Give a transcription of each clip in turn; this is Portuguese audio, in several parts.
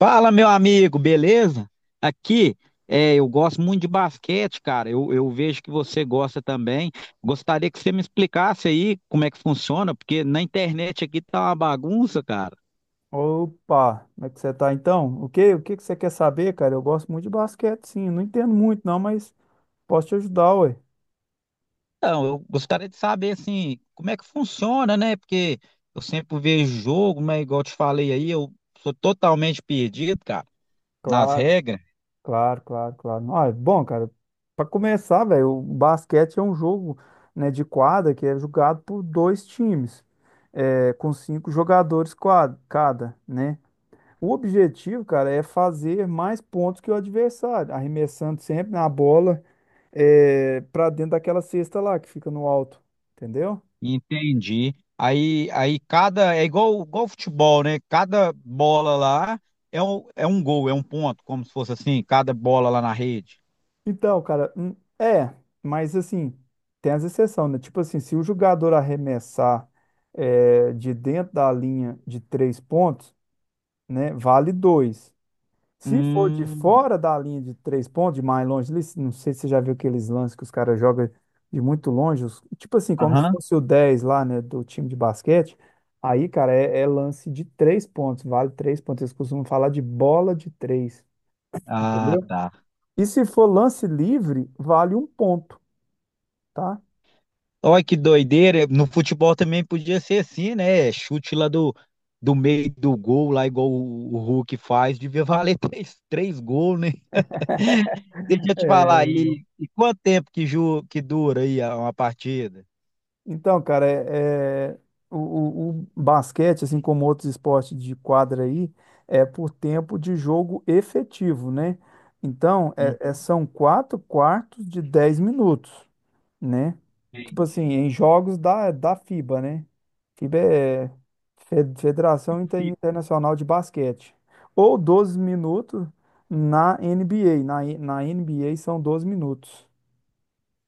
Fala, meu amigo, beleza? Aqui, eu gosto muito de basquete, cara. Eu vejo que você gosta também. Gostaria que você me explicasse aí como é que funciona, porque na internet aqui tá uma bagunça, cara. Opa, como é que você tá então? O que que você quer saber, cara? Eu gosto muito de basquete, sim. Não entendo muito, não, mas posso te ajudar, ué. Então, eu gostaria de saber, assim, como é que funciona, né? Porque eu sempre vejo jogo, mas igual eu te falei aí, eu sou totalmente perdido, cara, nas Claro, regras. claro, claro, claro. Ah, é bom, cara, pra começar, velho, o basquete é um jogo, né, de quadra que é jogado por dois times, com cinco jogadores cada, né? O objetivo, cara, é fazer mais pontos que o adversário, arremessando sempre na bola, pra dentro daquela cesta lá que fica no alto, entendeu? Entendi. Aí cada. É igual futebol, né? Cada bola lá é um gol, é um ponto, como se fosse assim, cada bola lá na rede. Então, cara, mas assim, tem as exceções, né? Tipo assim, se o jogador arremessar de dentro da linha de três pontos, né, vale dois. Se for de Hum. fora da linha de três pontos, de mais longe, ali, não sei se você já viu aqueles lances que os caras jogam de muito longe, tipo assim, como se Aham. fosse o 10 lá, né, do time de basquete, aí, cara, é lance de três pontos, vale três pontos. Eles costumam falar de bola de três, Ah, entendeu? tá. E se for lance livre, vale um ponto, tá? Olha que doideira. No futebol também podia ser assim, né? Chute lá do meio do gol, lá igual o Hulk faz, devia valer três gols, né? Deixa eu te falar É, aí. E quanto tempo que dura aí uma partida? então, cara, o basquete, assim como outros esportes de quadra aí, é por tempo de jogo efetivo, né? Então, Uhum. são quatro quartos de 10 minutos, né? Tipo assim, Entendi. em jogos da FIBA, né? FIBA é Federação Internacional de Basquete. Ou 12 minutos na NBA. Na NBA são 12 minutos,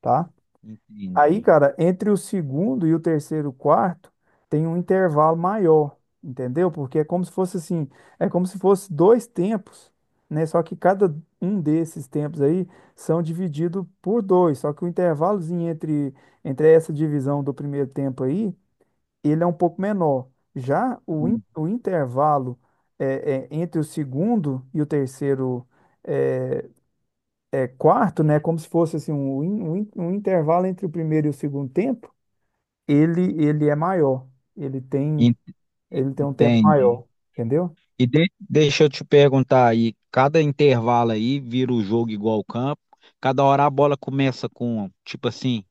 tá? Entendi. Aí, cara, entre o segundo e o terceiro quarto tem um intervalo maior, entendeu? Porque é como se fosse assim, é como se fosse dois tempos, né? Só que cada um desses tempos aí são divididos por dois. Só que o intervalozinho entre essa divisão do primeiro tempo aí, ele é um pouco menor. Já o, in- Hum. o intervalo entre o segundo e o terceiro é, quarto, né? É como se fosse assim, um intervalo entre o primeiro e o segundo tempo ele é maior. Ele tem En- ele tem um tempo Entendi. maior, entendeu? E deixa eu te perguntar aí, cada intervalo aí vira o jogo igual ao campo, cada hora a bola começa com, tipo assim,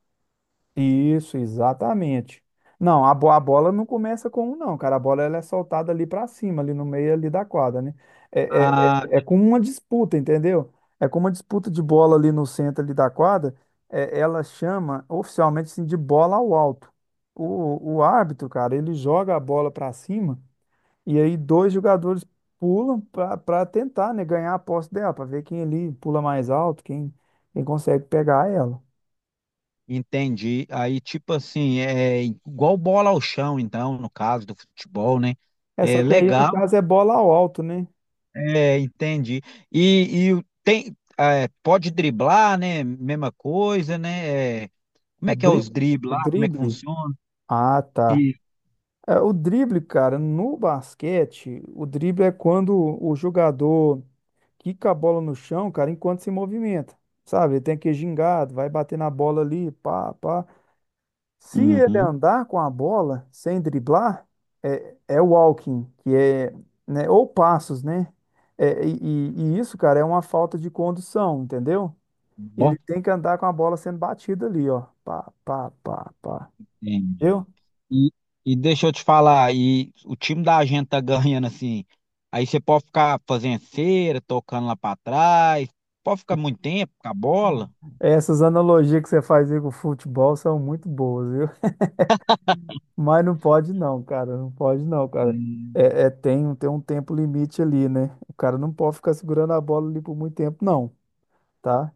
Isso, exatamente. Não, a bola não começa com um, não, cara. A bola ela é soltada ali pra cima, ali no meio ali da quadra, né? É, é, ah, é como uma disputa, entendeu? É como uma disputa de bola ali no centro ali da quadra. Ela chama oficialmente assim, de bola ao alto. O árbitro, cara, ele joga a bola pra cima. E aí dois jogadores pulam para tentar, né, ganhar a posse dela, para ver quem ali pula mais alto, quem consegue pegar ela. entendi. Aí, tipo assim, é igual bola ao chão, então, no caso do futebol, né? Só É que aí no legal, caso é bola ao alto, né? Entendi. E tem, pode driblar, né? Mesma coisa, né? O Como é que é os dri- dribles o lá? Como é que drible. funciona? Ah, tá. E... O drible, cara, no basquete, o drible é quando o jogador quica a bola no chão, cara, enquanto se movimenta. Sabe? Ele tem que ir gingado, vai bater na bola ali, pá, pá. Se ele Uhum. andar com a bola sem driblar, é walking, que é, né, ou passos, né? E isso, cara, é uma falta de condução, entendeu? Ele Ó. tem que andar com a bola sendo batida ali, ó. Pá, pá, pá, pá. Entendi. Viu? E, e deixa eu te falar, e o time da gente tá ganhando assim. Aí você pode ficar fazendo cera, tocando lá pra trás, pode ficar muito tempo com a bola. Essas analogias que você faz aí com o futebol são muito boas, viu? Mas não pode não, cara. Não pode não, cara. Hum, tem um tempo limite ali, né? O cara não pode ficar segurando a bola ali por muito tempo, não, tá?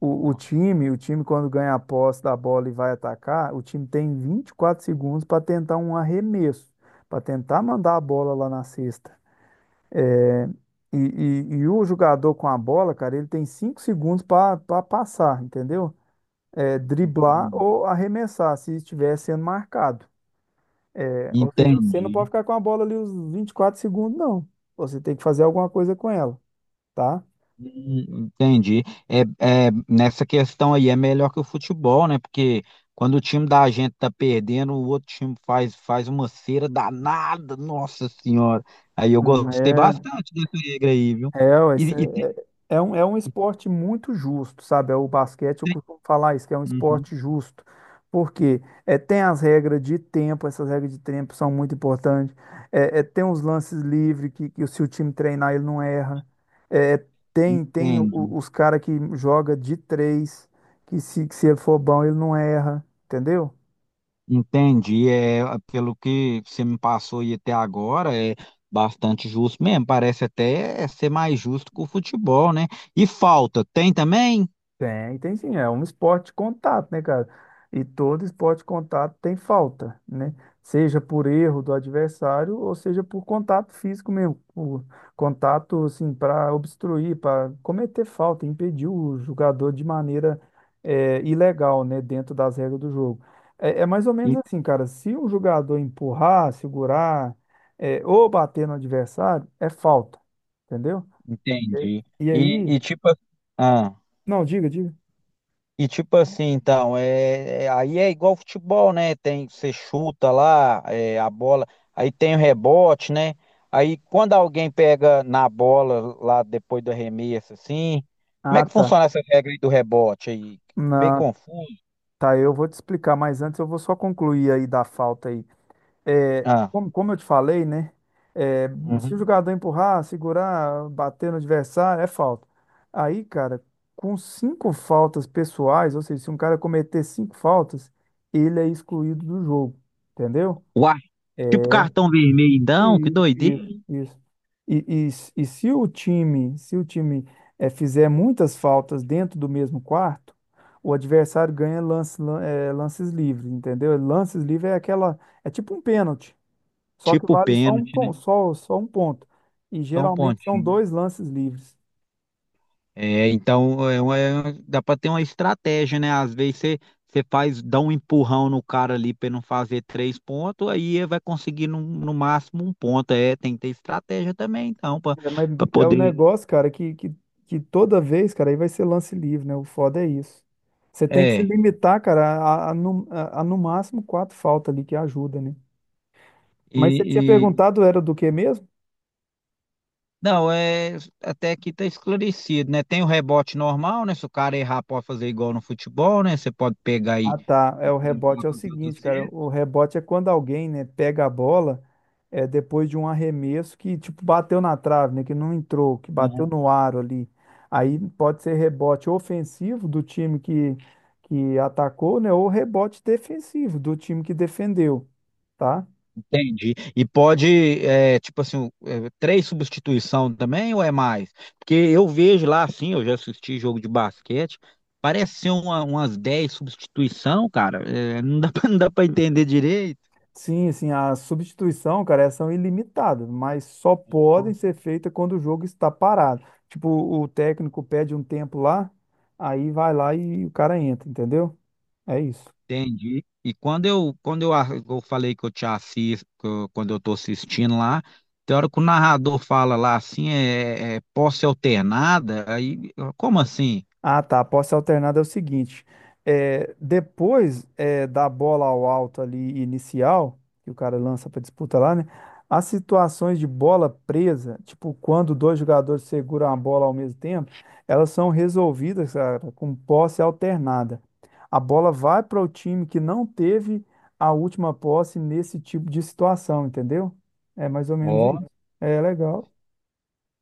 O, o nossa, time, o time quando ganha a posse da bola e vai atacar, o time tem 24 segundos para tentar um arremesso, para tentar mandar a bola lá na cesta. É, E, e o jogador com a bola, cara, ele tem 5 segundos para passar, entendeu? Driblar entendi. ou arremessar se estiver sendo marcado. Ou seja, você não pode Entendi. ficar com a bola ali os 24 segundos, não. Você tem que fazer alguma coisa com ela, tá? Entendi. É, nessa questão aí é melhor que o futebol, né? Porque quando o time da gente tá perdendo, o outro time faz uma cera danada, nossa senhora. Aí eu Hum, gostei é bastante dessa regra aí, viu? Ué, E, e, é é um esporte muito justo, sabe? O basquete, eu costumo falar isso, que é um Uhum, esporte justo. Porque tem as regras de tempo, essas regras de tempo são muito importantes. Tem os lances livres, que se o time treinar, ele não erra. É, é, tem Entendi, os caras que joga de três, que se ele for bom, ele não erra, entendeu? entendi. Pelo que você me passou e até agora, é bastante justo mesmo. Parece até ser mais justo que o futebol, né? E falta, tem também? Tem sim, é um esporte de contato, né, cara? E todo esporte de contato tem falta, né? Seja por erro do adversário ou seja por contato físico mesmo, por contato assim para obstruir, para cometer falta, impedir o jogador de maneira ilegal, né, dentro das regras do jogo. É mais ou menos E- assim, cara. Se o jogador empurrar, segurar, ou bater no adversário, é falta, entendeu? Entendi. E E aí, tipo, ah. não, diga, diga. E tipo assim, então, aí é igual futebol, né? Tem, você chuta lá, a bola, aí tem o rebote, né? Aí quando alguém pega na bola lá depois do arremesso, assim, como é Ah, que tá. funciona essa regra aí do rebote aí? Meio Não, confuso. tá, eu vou te explicar, mas antes eu vou só concluir aí da falta aí. Ah, como eu te falei, né? é, Se o uhum. jogador empurrar, segurar, bater no adversário, é falta. Aí, cara, com cinco faltas pessoais, ou seja, se um cara cometer cinco faltas, ele é excluído do jogo, entendeu? Uai, tipo cartão vermelho, então, que Isso, doideira. isso, isso. E, e se o time fizer muitas faltas dentro do mesmo quarto, o adversário ganha lances livres, entendeu? Lances livres é é tipo um pênalti, só que Tipo vale só um, pênalti, né? pon- só, só um ponto. E Só um geralmente são pontinho. dois lances livres. É, então dá para ter uma estratégia, né? Às vezes você faz, dá um empurrão no cara ali para não fazer três pontos, aí ele vai conseguir no máximo um ponto. Tem que ter estratégia também, então, para Mas é um poder. negócio, cara, que toda vez, cara, aí vai ser lance livre, né? O foda é isso. Você tem que se É, limitar, cara, a no máximo quatro faltas ali que ajuda, né? e, Mas você tinha e- perguntado, era do que mesmo? não, é até aqui tá esclarecido, né? Tem o rebote normal, né? Se o cara errar, pode fazer igual no futebol, né? Você pode pegar e Ah, tá. O tentar rebote é o fazer outra seguinte, cara. certa. O rebote é quando alguém, né, pega a bola depois de um arremesso que, tipo, bateu na trave, né? Que não entrou, que bateu no aro ali. Aí pode ser rebote ofensivo do time que atacou, né? Ou rebote defensivo do time que defendeu, tá? Entendi. E pode, tipo assim, três substituição também ou é mais? Porque eu vejo lá, assim, eu já assisti jogo de basquete, parece ser umas 10 substituição, cara. Não dá pra, não dá pra entender direito. Sim, sim, a substituição, cara, elas são ilimitadas, mas só podem ser feitas quando o jogo está parado. Tipo, o técnico pede um tempo lá, aí vai lá e o cara entra, entendeu? É isso. Entendi. E eu falei que eu te assisto, quando eu tô assistindo lá, tem hora que o narrador fala lá assim, é posse alternada, aí, como assim? Ah, tá. A posse alternada é o seguinte: depois da bola ao alto ali inicial, que o cara lança para disputa lá, né? As situações de bola presa, tipo quando dois jogadores seguram a bola ao mesmo tempo, elas são resolvidas, cara, com posse alternada. A bola vai para o time que não teve a última posse nesse tipo de situação, entendeu? É mais ou menos isso. É legal.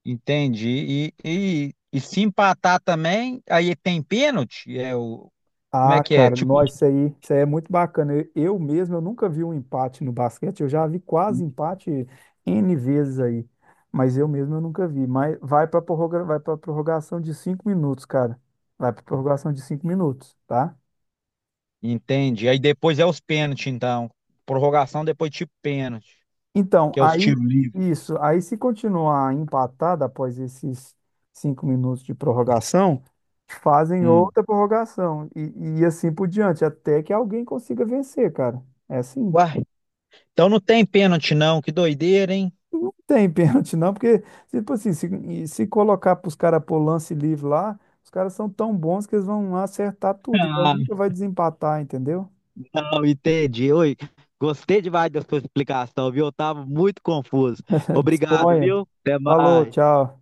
Entendi. E se empatar também, aí tem pênalti? Como é Ah, que é? cara, Tipo, nossa, isso aí é muito bacana. Eu mesmo, eu nunca vi um empate no basquete. Eu já vi quase empate N vezes aí, mas eu mesmo eu nunca vi. Mas vai para prorrogação de 5 minutos, cara. Vai para prorrogação de cinco minutos, tá? entendi. Aí depois é os pênaltis, então. Prorrogação, depois tipo pênalti, Então, que é os aí tiros livres. isso, aí se continuar empatado após esses 5 minutos de prorrogação, fazem Hum. outra prorrogação e assim por diante, até que alguém consiga vencer, cara. É assim. Uai, então não tem pênalti não, que doideira, hein? Não tem pênalti, não, porque, tipo assim, se, e se colocar para os caras pôr lance livre lá, os caras são tão bons que eles vão acertar tudo. Então Ah, nunca vai desempatar, entendeu? não, entendi. Oi, gostei demais da sua explicação, viu? Eu tava muito confuso. Obrigado, Disponha. viu? Até Falou, mais. tchau.